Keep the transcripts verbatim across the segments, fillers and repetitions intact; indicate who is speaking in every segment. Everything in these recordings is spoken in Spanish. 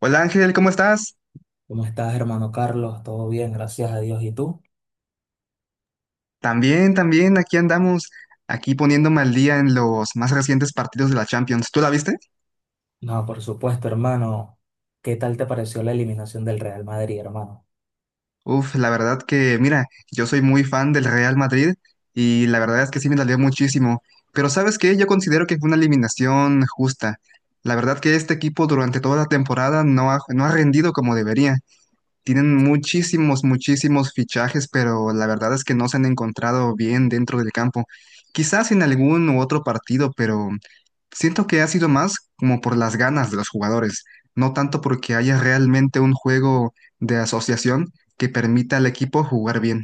Speaker 1: Hola Ángel, ¿cómo estás?
Speaker 2: ¿Cómo estás, hermano Carlos? Todo bien, gracias a Dios. ¿Y tú?
Speaker 1: También, también, aquí andamos, aquí poniéndome al día en los más recientes partidos de la Champions. ¿Tú la viste?
Speaker 2: No, por supuesto, hermano. ¿Qué tal te pareció la eliminación del Real Madrid, hermano?
Speaker 1: Uf, la verdad que, mira, yo soy muy fan del Real Madrid y la verdad es que sí me dolió muchísimo. Pero ¿sabes qué? Yo considero que fue una eliminación justa. La verdad que este equipo durante toda la temporada no ha, no ha rendido como debería. Tienen muchísimos, muchísimos fichajes, pero la verdad es que no se han encontrado bien dentro del campo. Quizás en algún u otro partido, pero siento que ha sido más como por las ganas de los jugadores, no tanto porque haya realmente un juego de asociación que permita al equipo jugar bien.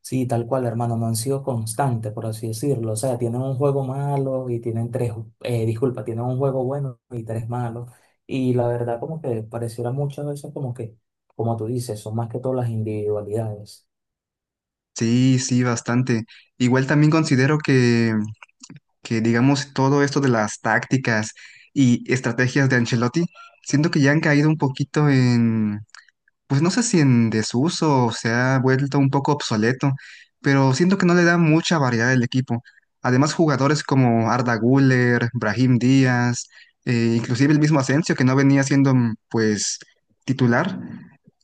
Speaker 2: Sí, tal cual, hermano. No han sido constantes, por así decirlo. O sea, tienen un juego malo y tienen tres, eh, disculpa, tienen un juego bueno y tres malos. Y la verdad, como que pareciera muchas veces como que, como tú dices, son más que todas las individualidades.
Speaker 1: Sí, sí, bastante. Igual también considero que, que, digamos, todo esto de las tácticas y estrategias de Ancelotti, siento que ya han caído un poquito, pues no sé si en desuso, se ha vuelto un poco obsoleto, pero siento que no le da mucha variedad al equipo. Además, jugadores como Arda Güler, Brahim Díaz, eh, inclusive el mismo Asensio, que no venía siendo mm, pues titular,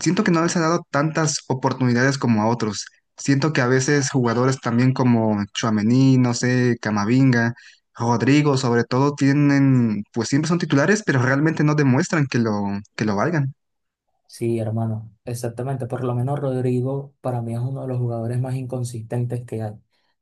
Speaker 1: siento que no les ha dado tantas oportunidades como a otros. Siento que a veces jugadores también como Tchouaméni, no sé, Camavinga, Rodrigo, sobre todo, tienen, pues siempre son titulares, pero realmente no demuestran que lo, que lo valgan.
Speaker 2: Sí, hermano, exactamente. Por lo menos Rodrigo para mí es uno de los jugadores más inconsistentes que hay.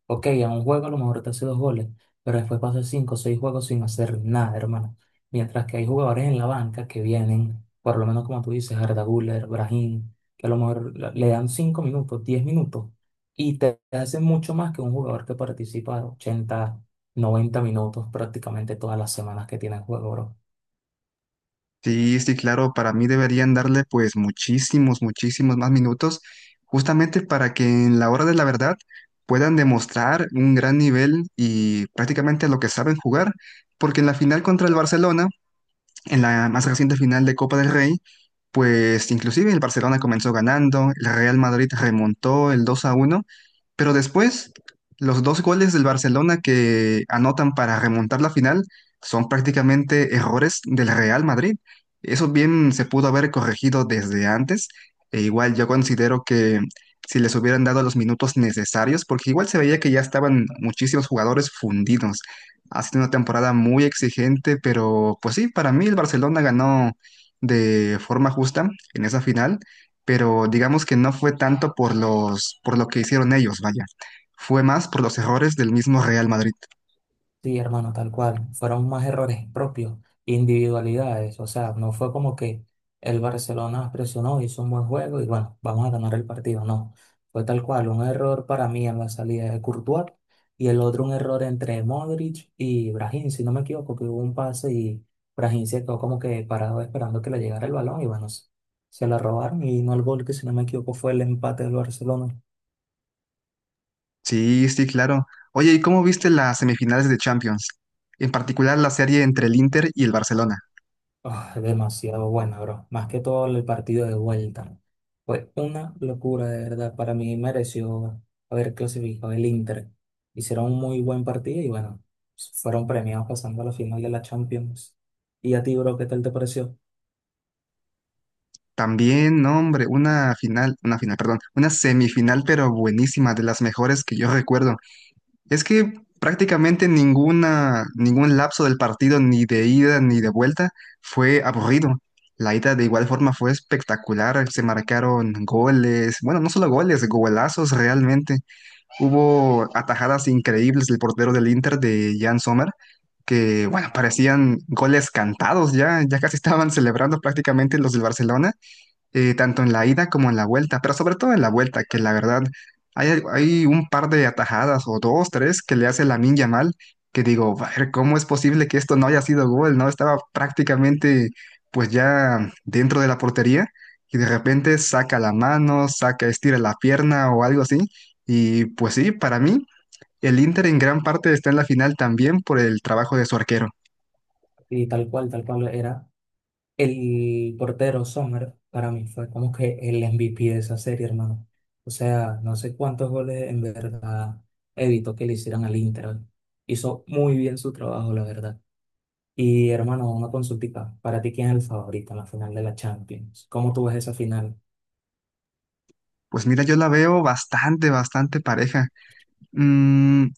Speaker 2: Ok, en un juego a lo mejor te hace dos goles, pero después pasa cinco o seis juegos sin hacer nada, hermano. Mientras que hay jugadores en la banca que vienen, por lo menos como tú dices, Arda Güler, Brahim, que a lo mejor la- le dan cinco minutos, diez minutos, y te hacen mucho más que un jugador que participa ochenta, noventa minutos prácticamente todas las semanas que tiene el juego, bro.
Speaker 1: Sí, sí, claro, para mí deberían darle pues muchísimos, muchísimos más minutos, justamente para que en la hora de la verdad puedan demostrar un gran nivel y prácticamente lo que saben jugar, porque en la final contra el Barcelona, en la más reciente final de Copa del Rey, pues inclusive el Barcelona comenzó ganando, el Real Madrid remontó el dos a uno, pero después los dos goles del Barcelona que anotan para remontar la final son prácticamente errores del Real Madrid. Eso bien se pudo haber corregido desde antes. E igual yo considero que si les hubieran dado los minutos necesarios, porque igual se veía que ya estaban muchísimos jugadores fundidos. Ha sido una temporada muy exigente, pero pues sí, para mí el Barcelona ganó de forma justa en esa final, pero digamos que no fue tanto por los, por lo que hicieron ellos, vaya. Fue más por los errores del mismo Real Madrid.
Speaker 2: Sí, hermano, tal cual. Fueron más errores propios, individualidades. O sea, no fue como que el Barcelona presionó, hizo un buen juego y bueno, vamos a ganar el partido. No, fue tal cual. Un error para mí en la salida de Courtois y el otro un error entre Modric y Brahim, si no me equivoco, que hubo un pase y Brahim se quedó como que parado esperando que le llegara el balón y bueno, se, se la robaron y no el gol, que si no me equivoco fue el empate del Barcelona.
Speaker 1: Sí, sí, claro. Oye, ¿y cómo viste las semifinales de Champions? En particular la serie entre el Inter y el Barcelona.
Speaker 2: Ah, demasiado bueno, bro. Más que todo el partido de vuelta. Fue una locura, de verdad. Para mí mereció haber clasificado el Inter. Hicieron un muy buen partido y bueno, fueron premiados pasando a la final de la Champions. ¿Y a ti, bro, qué tal te pareció?
Speaker 1: También, no, hombre, una final, una final, perdón, una semifinal, pero buenísima, de las mejores que yo recuerdo. Es que prácticamente ninguna, ningún lapso del partido, ni de ida ni de vuelta, fue aburrido. La ida de igual forma fue espectacular, se marcaron goles, bueno, no solo goles, golazos realmente. Hubo atajadas increíbles del portero del Inter, de Jan Sommer, que bueno, parecían goles cantados, ya, ya casi estaban celebrando prácticamente los del Barcelona, eh, tanto en la ida como en la vuelta, pero sobre todo en la vuelta, que la verdad hay, hay un par de atajadas, o dos, tres, que le hace Lamine Yamal, que digo, a ver, ¿cómo es posible que esto no haya sido gol, no? Estaba prácticamente pues ya dentro de la portería y de repente saca la mano, saca, estira la pierna o algo así, y pues sí, para mí el Inter en gran parte está en la final también por el trabajo de su arquero.
Speaker 2: Y tal cual, tal cual era. El portero Sommer, para mí, fue como que el M V P de esa serie, hermano. O sea, no sé cuántos goles en verdad evitó que le hicieran al Inter. Hizo muy bien su trabajo, la verdad. Y hermano, una consultita. ¿Para ti quién es el favorito en la final de la Champions? ¿Cómo tú ves esa final?
Speaker 1: Pues mira, yo la veo bastante, bastante pareja. Mm,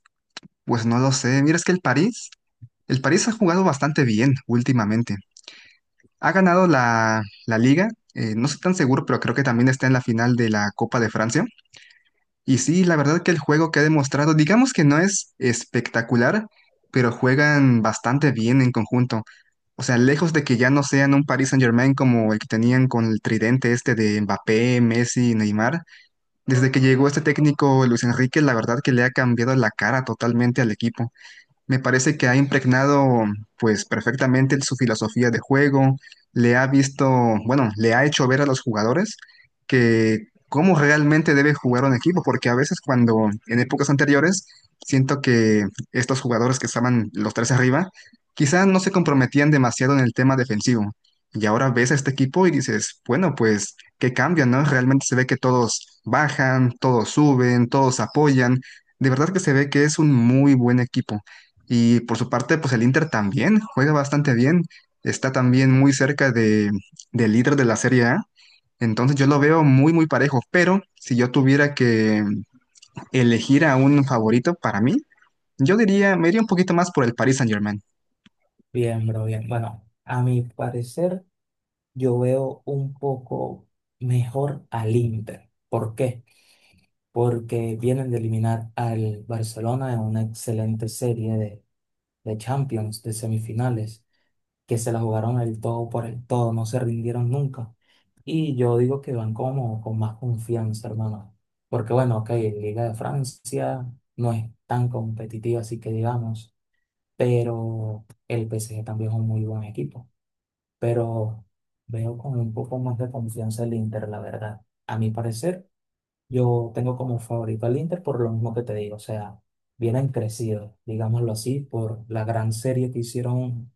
Speaker 1: Pues no lo sé. Mira, es que el París, el París ha jugado bastante bien últimamente. Ha ganado la, la liga, eh, no estoy tan seguro, pero creo que también está en la final de la Copa de Francia. Y sí, la verdad que el juego que ha demostrado, digamos que no es espectacular, pero juegan bastante bien en conjunto. O sea, lejos de que ya no sean un Paris Saint-Germain como el que tenían con el tridente este de Mbappé, Messi y Neymar, desde que llegó este técnico Luis Enrique, la verdad que le ha cambiado la cara totalmente al equipo. Me parece que ha impregnado pues perfectamente su filosofía de juego, le ha visto, bueno, le ha hecho ver a los jugadores que cómo realmente debe jugar un equipo, porque a veces cuando en épocas anteriores siento que estos jugadores que estaban los tres arriba, quizás no se comprometían demasiado en el tema defensivo. Y ahora ves a este equipo y dices, bueno, pues qué cambio, ¿no? Realmente se ve que todos bajan, todos suben, todos apoyan. De verdad que se ve que es un muy buen equipo. Y por su parte, pues el Inter también juega bastante bien. Está también muy cerca de, del líder de la Serie A. Entonces yo lo veo muy, muy parejo. Pero si yo tuviera que elegir a un favorito, para mí, yo diría, me iría un poquito más por el Paris Saint-Germain.
Speaker 2: Bien, bro, bien. Bueno, a mi parecer, yo veo un poco mejor al Inter. ¿Por qué? Porque vienen de eliminar al Barcelona en una excelente serie de, de Champions, de semifinales, que se la jugaron el todo por el todo, no se rindieron nunca. Y yo digo que van como con más confianza, hermano. Porque bueno, ok, la Liga de Francia no es tan competitiva, así que digamos, pero el P S G también es un muy buen equipo. Pero veo con un poco más de confianza el Inter, la verdad. A mi parecer, yo tengo como favorito al Inter por lo mismo que te digo, o sea, vienen crecidos, digámoslo así, por la gran serie que hicieron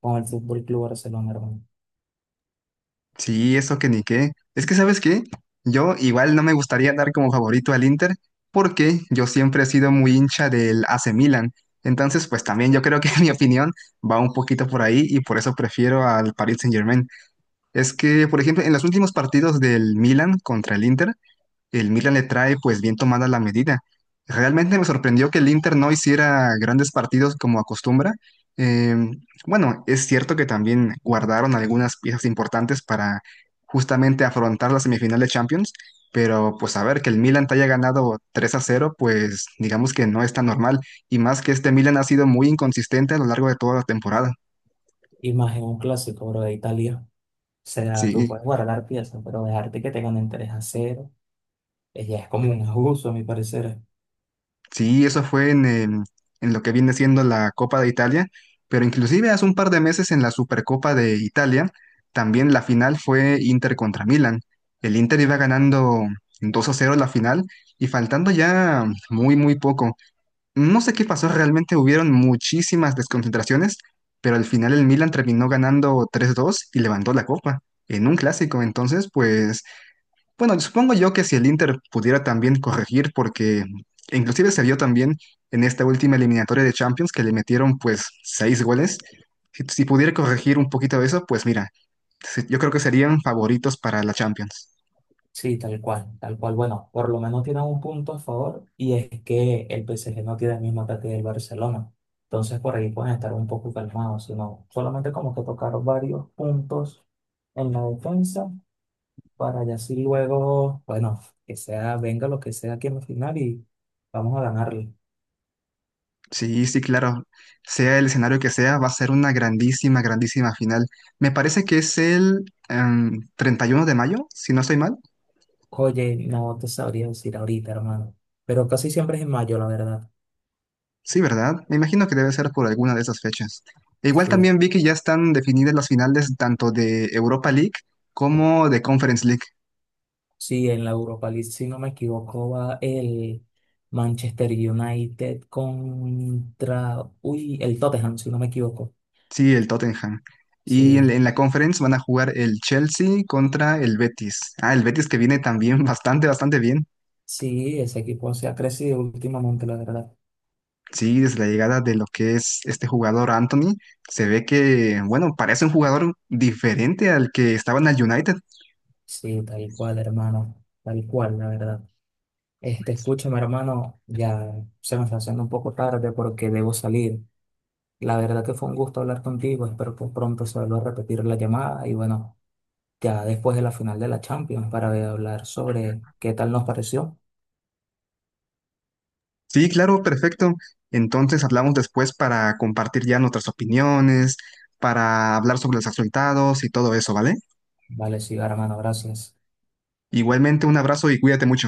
Speaker 2: con el Fútbol Club Barcelona, hermano.
Speaker 1: Sí, eso que ni qué. Es que, ¿sabes qué? Yo igual no me gustaría dar como favorito al Inter porque yo siempre he sido muy hincha del A C Milan. Entonces, pues también yo creo que mi opinión va un poquito por ahí, y por eso prefiero al Paris Saint-Germain. Es que, por ejemplo, en los últimos partidos del Milan contra el Inter, el Milan le trae pues bien tomada la medida. Realmente me sorprendió que el Inter no hiciera grandes partidos como acostumbra. Eh, bueno, es cierto que también guardaron algunas piezas importantes para justamente afrontar la semifinal de Champions, pero pues a ver, que el Milan te haya ganado tres a cero, pues digamos que no es tan normal, y más que este Milan ha sido muy inconsistente a lo largo de toda la temporada.
Speaker 2: Y más en un clásico, bro, de Italia. O sea, tú
Speaker 1: Sí.
Speaker 2: puedes guardar piezas, pero dejarte que tengan ganen a cero, eh, ya es como un abuso, a mi parecer.
Speaker 1: Sí, eso fue en, em, en lo que viene siendo la Copa de Italia, pero inclusive hace un par de meses en la Supercopa de Italia, también la final fue Inter contra Milan. El Inter iba ganando dos a cero la final, y faltando ya muy, muy poco, no sé qué pasó, realmente hubieron muchísimas desconcentraciones, pero al final el Milan terminó ganando tres dos y levantó la copa en un clásico. Entonces, pues bueno, supongo yo que si el Inter pudiera también corregir, porque inclusive se vio también en esta última eliminatoria de Champions que le metieron pues seis goles. Si, si pudiera corregir un poquito eso, pues mira, se- yo creo que serían favoritos para la Champions.
Speaker 2: Sí, tal cual, tal cual. Bueno, por lo menos tienen un punto a favor y es que el P S G no tiene el mismo ataque del Barcelona. Entonces por ahí pueden estar un poco calmados, sino solamente como que tocar varios puntos en la defensa para ya así luego, bueno, que sea, venga lo que sea aquí en la final y vamos a ganarle.
Speaker 1: Sí, sí, claro. Sea el escenario que sea, va a ser una grandísima, grandísima final. Me parece que es el em, treinta y uno de mayo, si no estoy mal.
Speaker 2: Oye, no te sabría decir ahorita, hermano. Pero casi siempre es en mayo, la verdad.
Speaker 1: Sí, ¿verdad? Me imagino que debe ser por alguna de esas fechas. E igual
Speaker 2: Sí,
Speaker 1: también vi que ya están definidas las finales tanto de Europa League como de Conference League.
Speaker 2: sí, en la Europa League, si no me equivoco, va el Manchester United contra, uy, el Tottenham, si no me equivoco.
Speaker 1: Sí, el Tottenham. Y en, la
Speaker 2: Sí,
Speaker 1: en la Conference van a jugar el Chelsea contra el Betis. Ah, el Betis que viene también bastante, bastante bien.
Speaker 2: sí, ese equipo se ha crecido últimamente, la verdad.
Speaker 1: Sí, desde la llegada de lo que es este jugador Anthony, se ve que, bueno, parece un jugador diferente al que estaba en el United.
Speaker 2: Sí, tal cual, hermano. Tal cual, la verdad. Este, escúchame, hermano, ya se me está haciendo un poco tarde porque debo salir. La verdad que fue un gusto hablar contigo. Espero que pronto se vuelva a repetir la llamada y bueno, ya después de la final de la Champions para hablar sobre qué tal nos pareció.
Speaker 1: Sí, claro, perfecto. Entonces hablamos después para compartir ya nuestras opiniones, para hablar sobre los resultados y todo eso, ¿vale?
Speaker 2: Vale, sí, hermano, gracias.
Speaker 1: Igualmente, un abrazo y cuídate mucho.